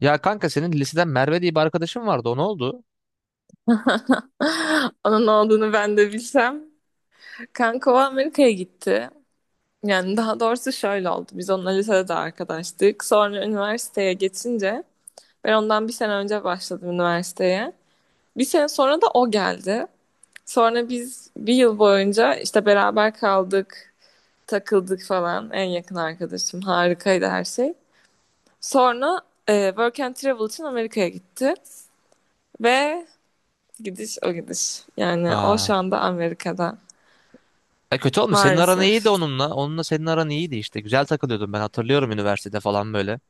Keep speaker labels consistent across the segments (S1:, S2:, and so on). S1: Ya kanka, senin liseden Merve diye bir arkadaşın vardı. O ne oldu?
S2: Onun olduğunu ben de bilsem. Kanka o Amerika'ya gitti. Yani daha doğrusu şöyle oldu. Biz onunla lisede de arkadaştık. Sonra üniversiteye geçince ben ondan bir sene önce başladım üniversiteye. Bir sene sonra da o geldi. Sonra biz bir yıl boyunca işte beraber kaldık, takıldık falan. En yakın arkadaşım. Harikaydı her şey. Sonra Work and Travel için Amerika'ya gitti. Ve gidiş o gidiş. Yani o şu
S1: Aa.
S2: anda Amerika'da.
S1: E kötü olmuş. Senin aran iyiydi
S2: Maalesef.
S1: onunla. Onunla senin aran iyiydi işte. Güzel takılıyordun, ben hatırlıyorum üniversitede falan böyle.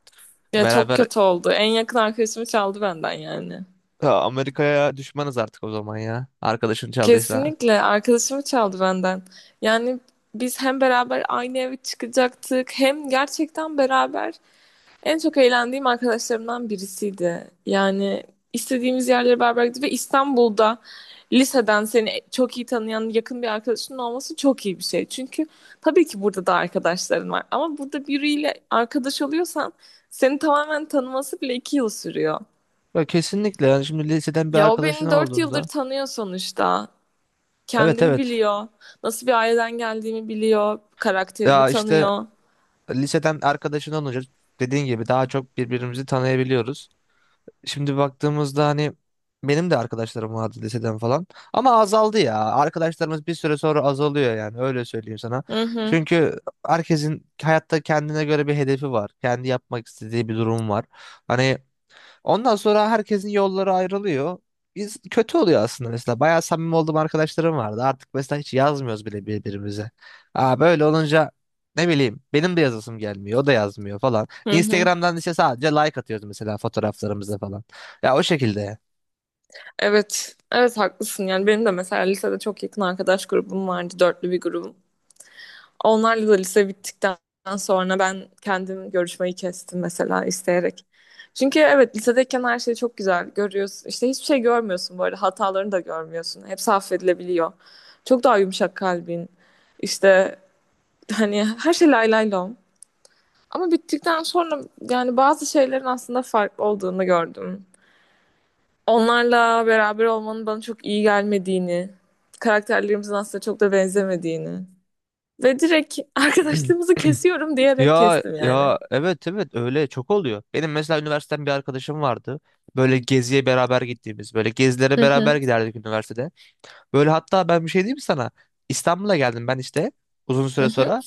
S2: Ya çok
S1: Beraber...
S2: kötü oldu. En yakın arkadaşımı çaldı benden yani.
S1: Ya Amerika'ya düşmanız artık o zaman ya. Arkadaşın çaldıysa.
S2: Kesinlikle arkadaşımı çaldı benden. Yani biz hem beraber aynı eve çıkacaktık hem gerçekten beraber en çok eğlendiğim arkadaşlarımdan birisiydi. Yani istediğimiz yerlere beraber gittik ve İstanbul'da liseden seni çok iyi tanıyan yakın bir arkadaşının olması çok iyi bir şey. Çünkü tabii ki burada da arkadaşların var ama burada biriyle arkadaş oluyorsan seni tamamen tanıması bile iki yıl sürüyor.
S1: Ya kesinlikle, yani şimdi liseden bir
S2: Ya o
S1: arkadaşın
S2: beni dört yıldır
S1: olduğunda.
S2: tanıyor sonuçta.
S1: Evet
S2: Kendimi
S1: evet.
S2: biliyor. Nasıl bir aileden geldiğimi biliyor. Karakterimi
S1: Ya işte
S2: tanıyor.
S1: liseden arkadaşından olunca, dediğin gibi daha çok birbirimizi tanıyabiliyoruz. Şimdi baktığımızda hani benim de arkadaşlarım vardı liseden falan. Ama azaldı ya. Arkadaşlarımız bir süre sonra azalıyor, yani öyle söyleyeyim sana.
S2: Hı hı.
S1: Çünkü herkesin hayatta kendine göre bir hedefi var. Kendi yapmak istediği bir durum var. Hani, ondan sonra herkesin yolları ayrılıyor. Biz kötü oluyor aslında mesela. Bayağı samimi olduğum arkadaşlarım vardı. Artık mesela hiç yazmıyoruz bile birbirimize. Aa, böyle olunca ne bileyim benim de yazasım gelmiyor. O da yazmıyor falan.
S2: Hı hı.
S1: Instagram'dan işte sadece like atıyoruz mesela fotoğraflarımıza falan. Ya o şekilde.
S2: Evet. Evet haklısın. Yani benim de mesela lisede çok yakın arkadaş grubum vardı. Dörtlü bir grubum. Onlarla da lise bittikten sonra ben kendim görüşmeyi kestim mesela isteyerek. Çünkü evet lisedeyken her şeyi çok güzel görüyorsun. İşte hiçbir şey görmüyorsun bu arada. Hatalarını da görmüyorsun. Hepsi affedilebiliyor. Çok daha yumuşak kalbin. İşte hani her şey lay lay lom. Ama bittikten sonra yani bazı şeylerin aslında farklı olduğunu gördüm. Onlarla beraber olmanın bana çok iyi gelmediğini, karakterlerimizin aslında çok da benzemediğini ve direkt arkadaşlığımızı kesiyorum diyerek
S1: Ya
S2: kestim yani.
S1: ya, evet evet, öyle çok oluyor. Benim mesela üniversiteden bir arkadaşım vardı. Böyle geziye beraber gittiğimiz, böyle gezilere
S2: Hı hı,
S1: beraber giderdik üniversitede. Böyle hatta ben bir şey diyeyim mi sana? İstanbul'a geldim ben işte uzun
S2: hı
S1: süre
S2: hı,
S1: sonra.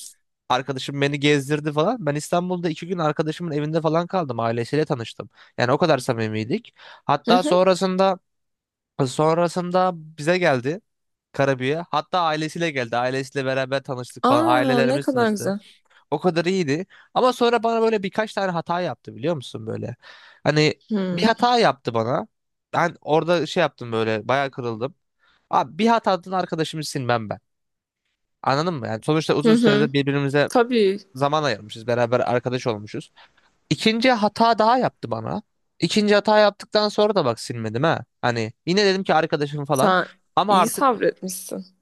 S1: Arkadaşım beni gezdirdi falan. Ben İstanbul'da iki gün arkadaşımın evinde falan kaldım. Ailesiyle tanıştım. Yani o kadar samimiydik.
S2: hı
S1: Hatta
S2: hı.
S1: sonrasında, sonrasında bize geldi Karabük'e. Hatta ailesiyle geldi. Ailesiyle beraber tanıştık falan.
S2: Aa, ne
S1: Ailelerimiz
S2: kadar
S1: tanıştı.
S2: güzel.
S1: O kadar iyiydi. Ama sonra bana böyle birkaç tane hata yaptı, biliyor musun böyle? Hani bir
S2: Hı
S1: hata yaptı bana. Ben orada şey yaptım, böyle bayağı kırıldım. Abi, bir hatadan arkadaşımı silmem ben. Anladın mı? Yani sonuçta
S2: hı,
S1: uzun
S2: hı.
S1: süredir birbirimize
S2: Tabii,
S1: zaman ayırmışız. Beraber arkadaş olmuşuz. İkinci hata daha yaptı bana. İkinci hata yaptıktan sonra da bak silmedim ha. Hani yine dedim ki arkadaşım falan.
S2: sen
S1: Ama
S2: iyi
S1: artık
S2: sabretmişsin.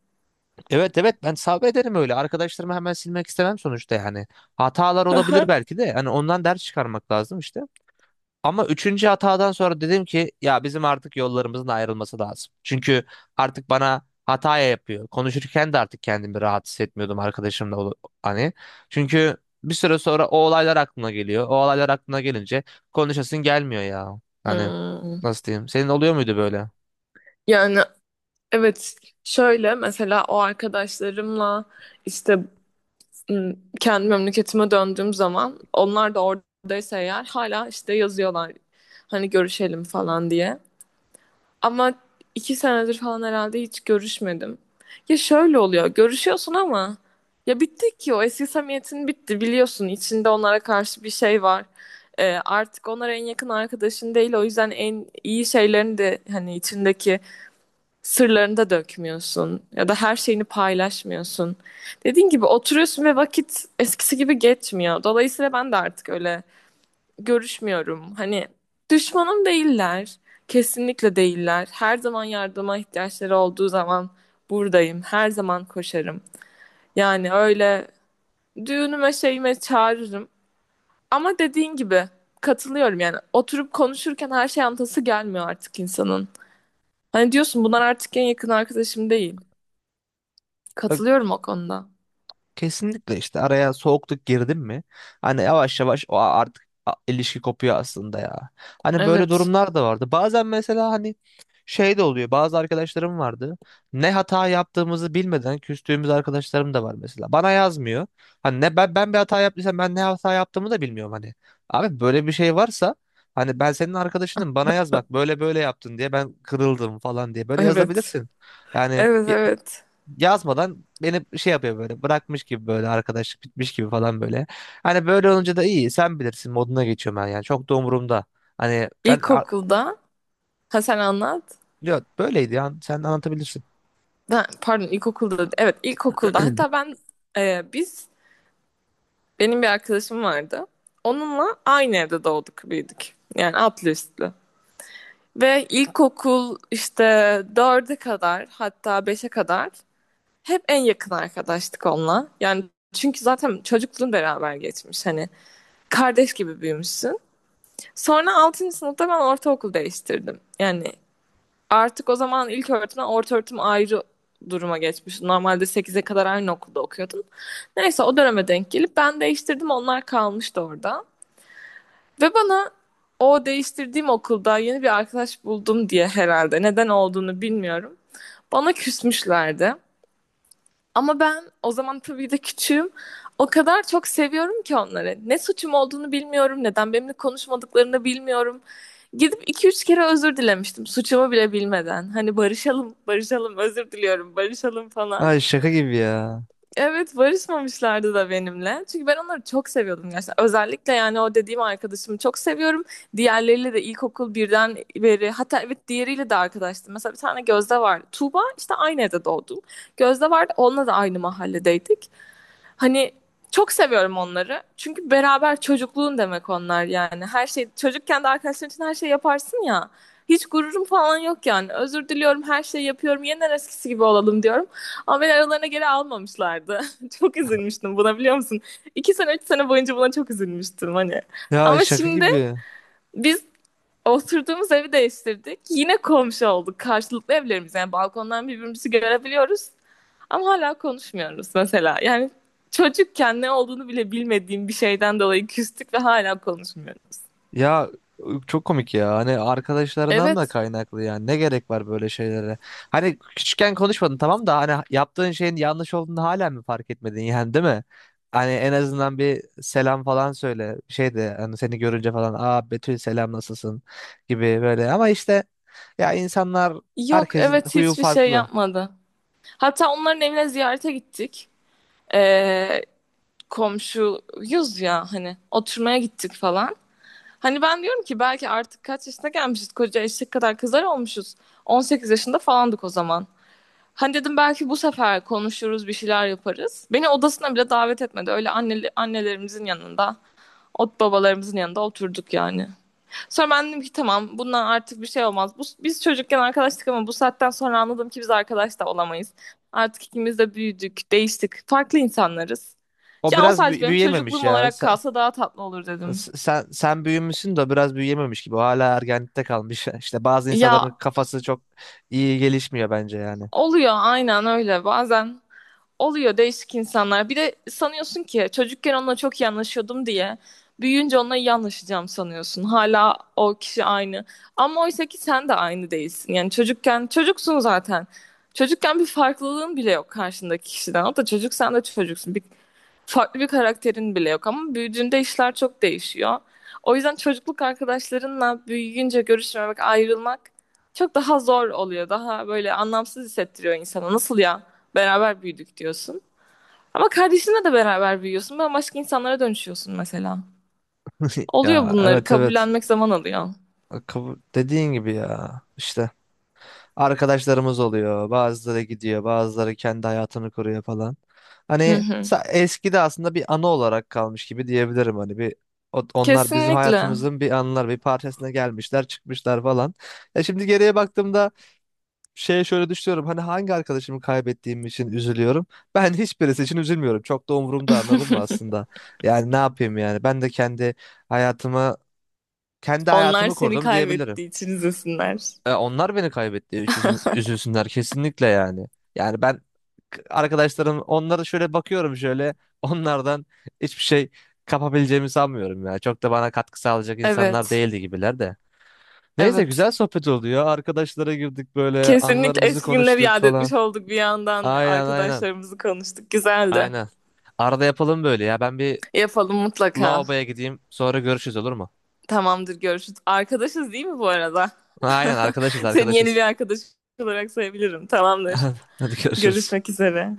S1: evet evet, ben sabrederim öyle. Arkadaşlarımı hemen silmek istemem sonuçta yani. Hatalar
S2: Hı
S1: olabilir
S2: hı.
S1: belki de. Hani ondan ders çıkarmak lazım işte. Ama üçüncü hatadan sonra dedim ki ya bizim artık yollarımızın ayrılması lazım. Çünkü artık bana hataya yapıyor. Konuşurken de artık kendimi rahat hissetmiyordum arkadaşımla hani. Çünkü bir süre sonra o olaylar aklına geliyor. O olaylar aklına gelince konuşasın gelmiyor ya. Hani
S2: Hmm.
S1: nasıl diyeyim? Senin oluyor muydu böyle?
S2: Yani evet, şöyle mesela o arkadaşlarımla işte kendi memleketime döndüğüm zaman onlar da oradaysa eğer hala işte yazıyorlar hani görüşelim falan diye. Ama iki senedir falan herhalde hiç görüşmedim. Ya şöyle oluyor görüşüyorsun ama ya bitti ki o eski samimiyetin bitti biliyorsun içinde onlara karşı bir şey var. Artık onlar en yakın arkadaşın değil o yüzden en iyi şeylerini de hani içindeki sırlarını da dökmüyorsun ya da her şeyini paylaşmıyorsun. Dediğin gibi oturuyorsun ve vakit eskisi gibi geçmiyor. Dolayısıyla ben de artık öyle görüşmüyorum. Hani düşmanım değiller. Kesinlikle değiller. Her zaman yardıma ihtiyaçları olduğu zaman buradayım. Her zaman koşarım. Yani öyle düğünüme şeyime çağırırım. Ama dediğin gibi katılıyorum yani oturup konuşurken her şey anlatası gelmiyor artık insanın. Hani diyorsun bunlar artık en yakın arkadaşım değil. Katılıyorum o konuda.
S1: Kesinlikle işte araya soğukluk girdin mi? Hani yavaş yavaş o artık ilişki kopuyor aslında ya. Hani böyle
S2: Evet.
S1: durumlar da vardı. Bazen mesela hani şey de oluyor. Bazı arkadaşlarım vardı. Ne hata yaptığımızı bilmeden küstüğümüz arkadaşlarım da var mesela. Bana yazmıyor. Hani ne ben bir hata yaptıysam, ben ne hata yaptığımı da bilmiyorum hani. Abi böyle bir şey varsa hani ben senin arkadaşınım, bana yaz, bak böyle böyle yaptın diye ben kırıldım falan diye böyle
S2: Evet.
S1: yazabilirsin. Yani
S2: Evet evet.
S1: yazmadan beni şey yapıyor, böyle bırakmış gibi, böyle arkadaşlık bitmiş gibi falan böyle. Hani böyle olunca da iyi sen bilirsin moduna geçiyorum ben, yani çok da umurumda. Hani ben ya,
S2: İlkokulda ha sen anlat.
S1: böyleydi ya, sen anlatabilirsin.
S2: Pardon ilkokulda evet ilkokulda hatta ben e, biz benim bir arkadaşım vardı. Onunla aynı evde doğduk büyüdük. Yani altlı üstlü. Ve ilkokul işte dörde kadar hatta beşe kadar hep en yakın arkadaştık onunla. Yani çünkü zaten çocukluğun beraber geçmiş hani kardeş gibi büyümüşsün. Sonra altıncı sınıfta ben ortaokul değiştirdim. Yani artık o zaman ilk öğretimden orta öğretim ayrı duruma geçmiş. Normalde sekize kadar aynı okulda okuyordun. Neyse o döneme denk gelip ben değiştirdim onlar kalmıştı orada. Ve bana o değiştirdiğim okulda yeni bir arkadaş buldum diye herhalde neden olduğunu bilmiyorum. Bana küsmüşlerdi. Ama ben o zaman tabii de küçüğüm. O kadar çok seviyorum ki onları. Ne suçum olduğunu bilmiyorum, neden benimle konuşmadıklarını bilmiyorum. Gidip iki üç kere özür dilemiştim suçumu bile bilmeden. Hani barışalım, barışalım, özür diliyorum, barışalım falan.
S1: Ay şaka gibi ya.
S2: Evet barışmamışlardı da benimle. Çünkü ben onları çok seviyordum gerçekten. Özellikle yani o dediğim arkadaşımı çok seviyorum. Diğerleriyle de ilkokul birden beri hatta evet diğeriyle de arkadaştım. Mesela bir tane Gözde vardı. Tuğba işte aynı evde doğdum. Gözde vardı onunla da aynı mahalledeydik. Hani çok seviyorum onları. Çünkü beraber çocukluğun demek onlar yani. Her şey çocukken de arkadaşların için her şey yaparsın ya. Hiç gururum falan yok yani. Özür diliyorum, her şeyi yapıyorum. Yeniden eskisi gibi olalım diyorum. Ama beni aralarına geri almamışlardı. Çok üzülmüştüm buna biliyor musun? İki sene, üç sene boyunca buna çok üzülmüştüm hani.
S1: Ya
S2: Ama
S1: şaka
S2: şimdi
S1: gibi.
S2: biz oturduğumuz evi değiştirdik. Yine komşu olduk. Karşılıklı evlerimiz. Yani balkondan birbirimizi görebiliyoruz. Ama hala konuşmuyoruz mesela. Yani çocukken ne olduğunu bile bilmediğim bir şeyden dolayı küstük ve hala konuşmuyoruz.
S1: Ya çok komik ya. Hani arkadaşlarından da
S2: Evet.
S1: kaynaklı yani. Ne gerek var böyle şeylere? Hani küçükken konuşmadın tamam da, hani yaptığın şeyin yanlış olduğunu hala mı fark etmedin yani, değil mi? Hani en azından bir selam falan söyle. Şey de hani seni görünce falan aa Betül selam nasılsın gibi böyle. Ama işte ya insanlar,
S2: Yok
S1: herkesin
S2: evet
S1: huyu
S2: hiçbir şey
S1: farklı.
S2: yapmadı. Hatta onların evine ziyarete gittik. Ee, komşuyuz ya hani oturmaya gittik falan. Hani ben diyorum ki belki artık kaç yaşına gelmişiz koca eşek kadar kızlar olmuşuz. 18 yaşında falandık o zaman. Hani dedim belki bu sefer konuşuruz bir şeyler yaparız. Beni odasına bile davet etmedi. Öyle annelerimizin yanında, ot babalarımızın yanında oturduk yani. Sonra ben dedim ki tamam bundan artık bir şey olmaz. Biz çocukken arkadaştık ama bu saatten sonra anladım ki biz arkadaş da olamayız. Artık ikimiz de büyüdük, değiştik. Farklı insanlarız.
S1: O
S2: Ya o
S1: biraz
S2: sadece benim
S1: büyüyememiş
S2: çocukluğum
S1: ya.
S2: olarak kalsa daha tatlı olur dedim.
S1: Sen büyümüşsün de biraz büyüyememiş gibi. O hala ergenlikte kalmış. İşte bazı
S2: Ya
S1: insanların kafası çok iyi gelişmiyor bence yani.
S2: oluyor aynen öyle. Bazen oluyor değişik insanlar. Bir de sanıyorsun ki çocukken onunla çok iyi anlaşıyordum diye büyüyünce onunla iyi anlaşacağım sanıyorsun. Hala o kişi aynı. Ama oysa ki sen de aynı değilsin. Yani çocukken çocuksun zaten. Çocukken bir farklılığın bile yok karşındaki kişiden. O da çocuk sen de çocuksun. Farklı bir karakterin bile yok ama büyüdüğünde işler çok değişiyor. O yüzden çocukluk arkadaşlarınla büyüyünce görüşmemek, ayrılmak çok daha zor oluyor. Daha böyle anlamsız hissettiriyor insana. Nasıl ya? Beraber büyüdük diyorsun. Ama kardeşinle de beraber büyüyorsun. Bambaşka insanlara dönüşüyorsun mesela. Oluyor
S1: Ya
S2: bunları.
S1: evet evet.
S2: Kabullenmek zaman alıyor.
S1: Dediğin gibi ya, işte. Arkadaşlarımız oluyor. Bazıları gidiyor, bazıları kendi hayatını kuruyor falan.
S2: Hı
S1: Hani
S2: hı.
S1: eski de aslında bir anı olarak kalmış gibi diyebilirim, hani bir, onlar bizim
S2: Kesinlikle.
S1: hayatımızın bir anılar, bir parçasına gelmişler, çıkmışlar falan. Ya şimdi geriye baktığımda şeye şöyle düşünüyorum. Hani hangi arkadaşımı kaybettiğim için üzülüyorum? Ben hiçbirisi için üzülmüyorum. Çok da umurumda, anladın mı aslında? Yani ne yapayım yani? Ben de kendi hayatımı, kendi
S2: Onlar
S1: hayatımı
S2: seni
S1: kurdum diyebilirim.
S2: kaybettiği için üzülsünler.
S1: E, onlar beni kaybetti. Üzülsün, üzülsünler kesinlikle yani. Yani ben arkadaşlarım, onlara şöyle bakıyorum şöyle onlardan hiçbir şey kapabileceğimi sanmıyorum ya. Çok da bana katkı sağlayacak insanlar
S2: Evet.
S1: değildi gibiler de. Neyse,
S2: Evet.
S1: güzel sohbet oldu ya. Arkadaşlara girdik, böyle
S2: Kesinlikle
S1: anılarımızı
S2: eski günleri
S1: konuştuk
S2: yad
S1: falan.
S2: etmiş olduk bir yandan.
S1: Aynen aynen.
S2: Arkadaşlarımızı konuştuk. Güzeldi.
S1: Aynen. Arada yapalım böyle ya. Ben bir
S2: Yapalım mutlaka.
S1: lavaboya gideyim, sonra görüşürüz olur mu?
S2: Tamamdır görüşürüz. Arkadaşız değil mi bu arada?
S1: Aynen, arkadaşız
S2: Seni yeni bir
S1: arkadaşız.
S2: arkadaş olarak sayabilirim. Tamamdır.
S1: Hadi görüşürüz.
S2: Görüşmek üzere.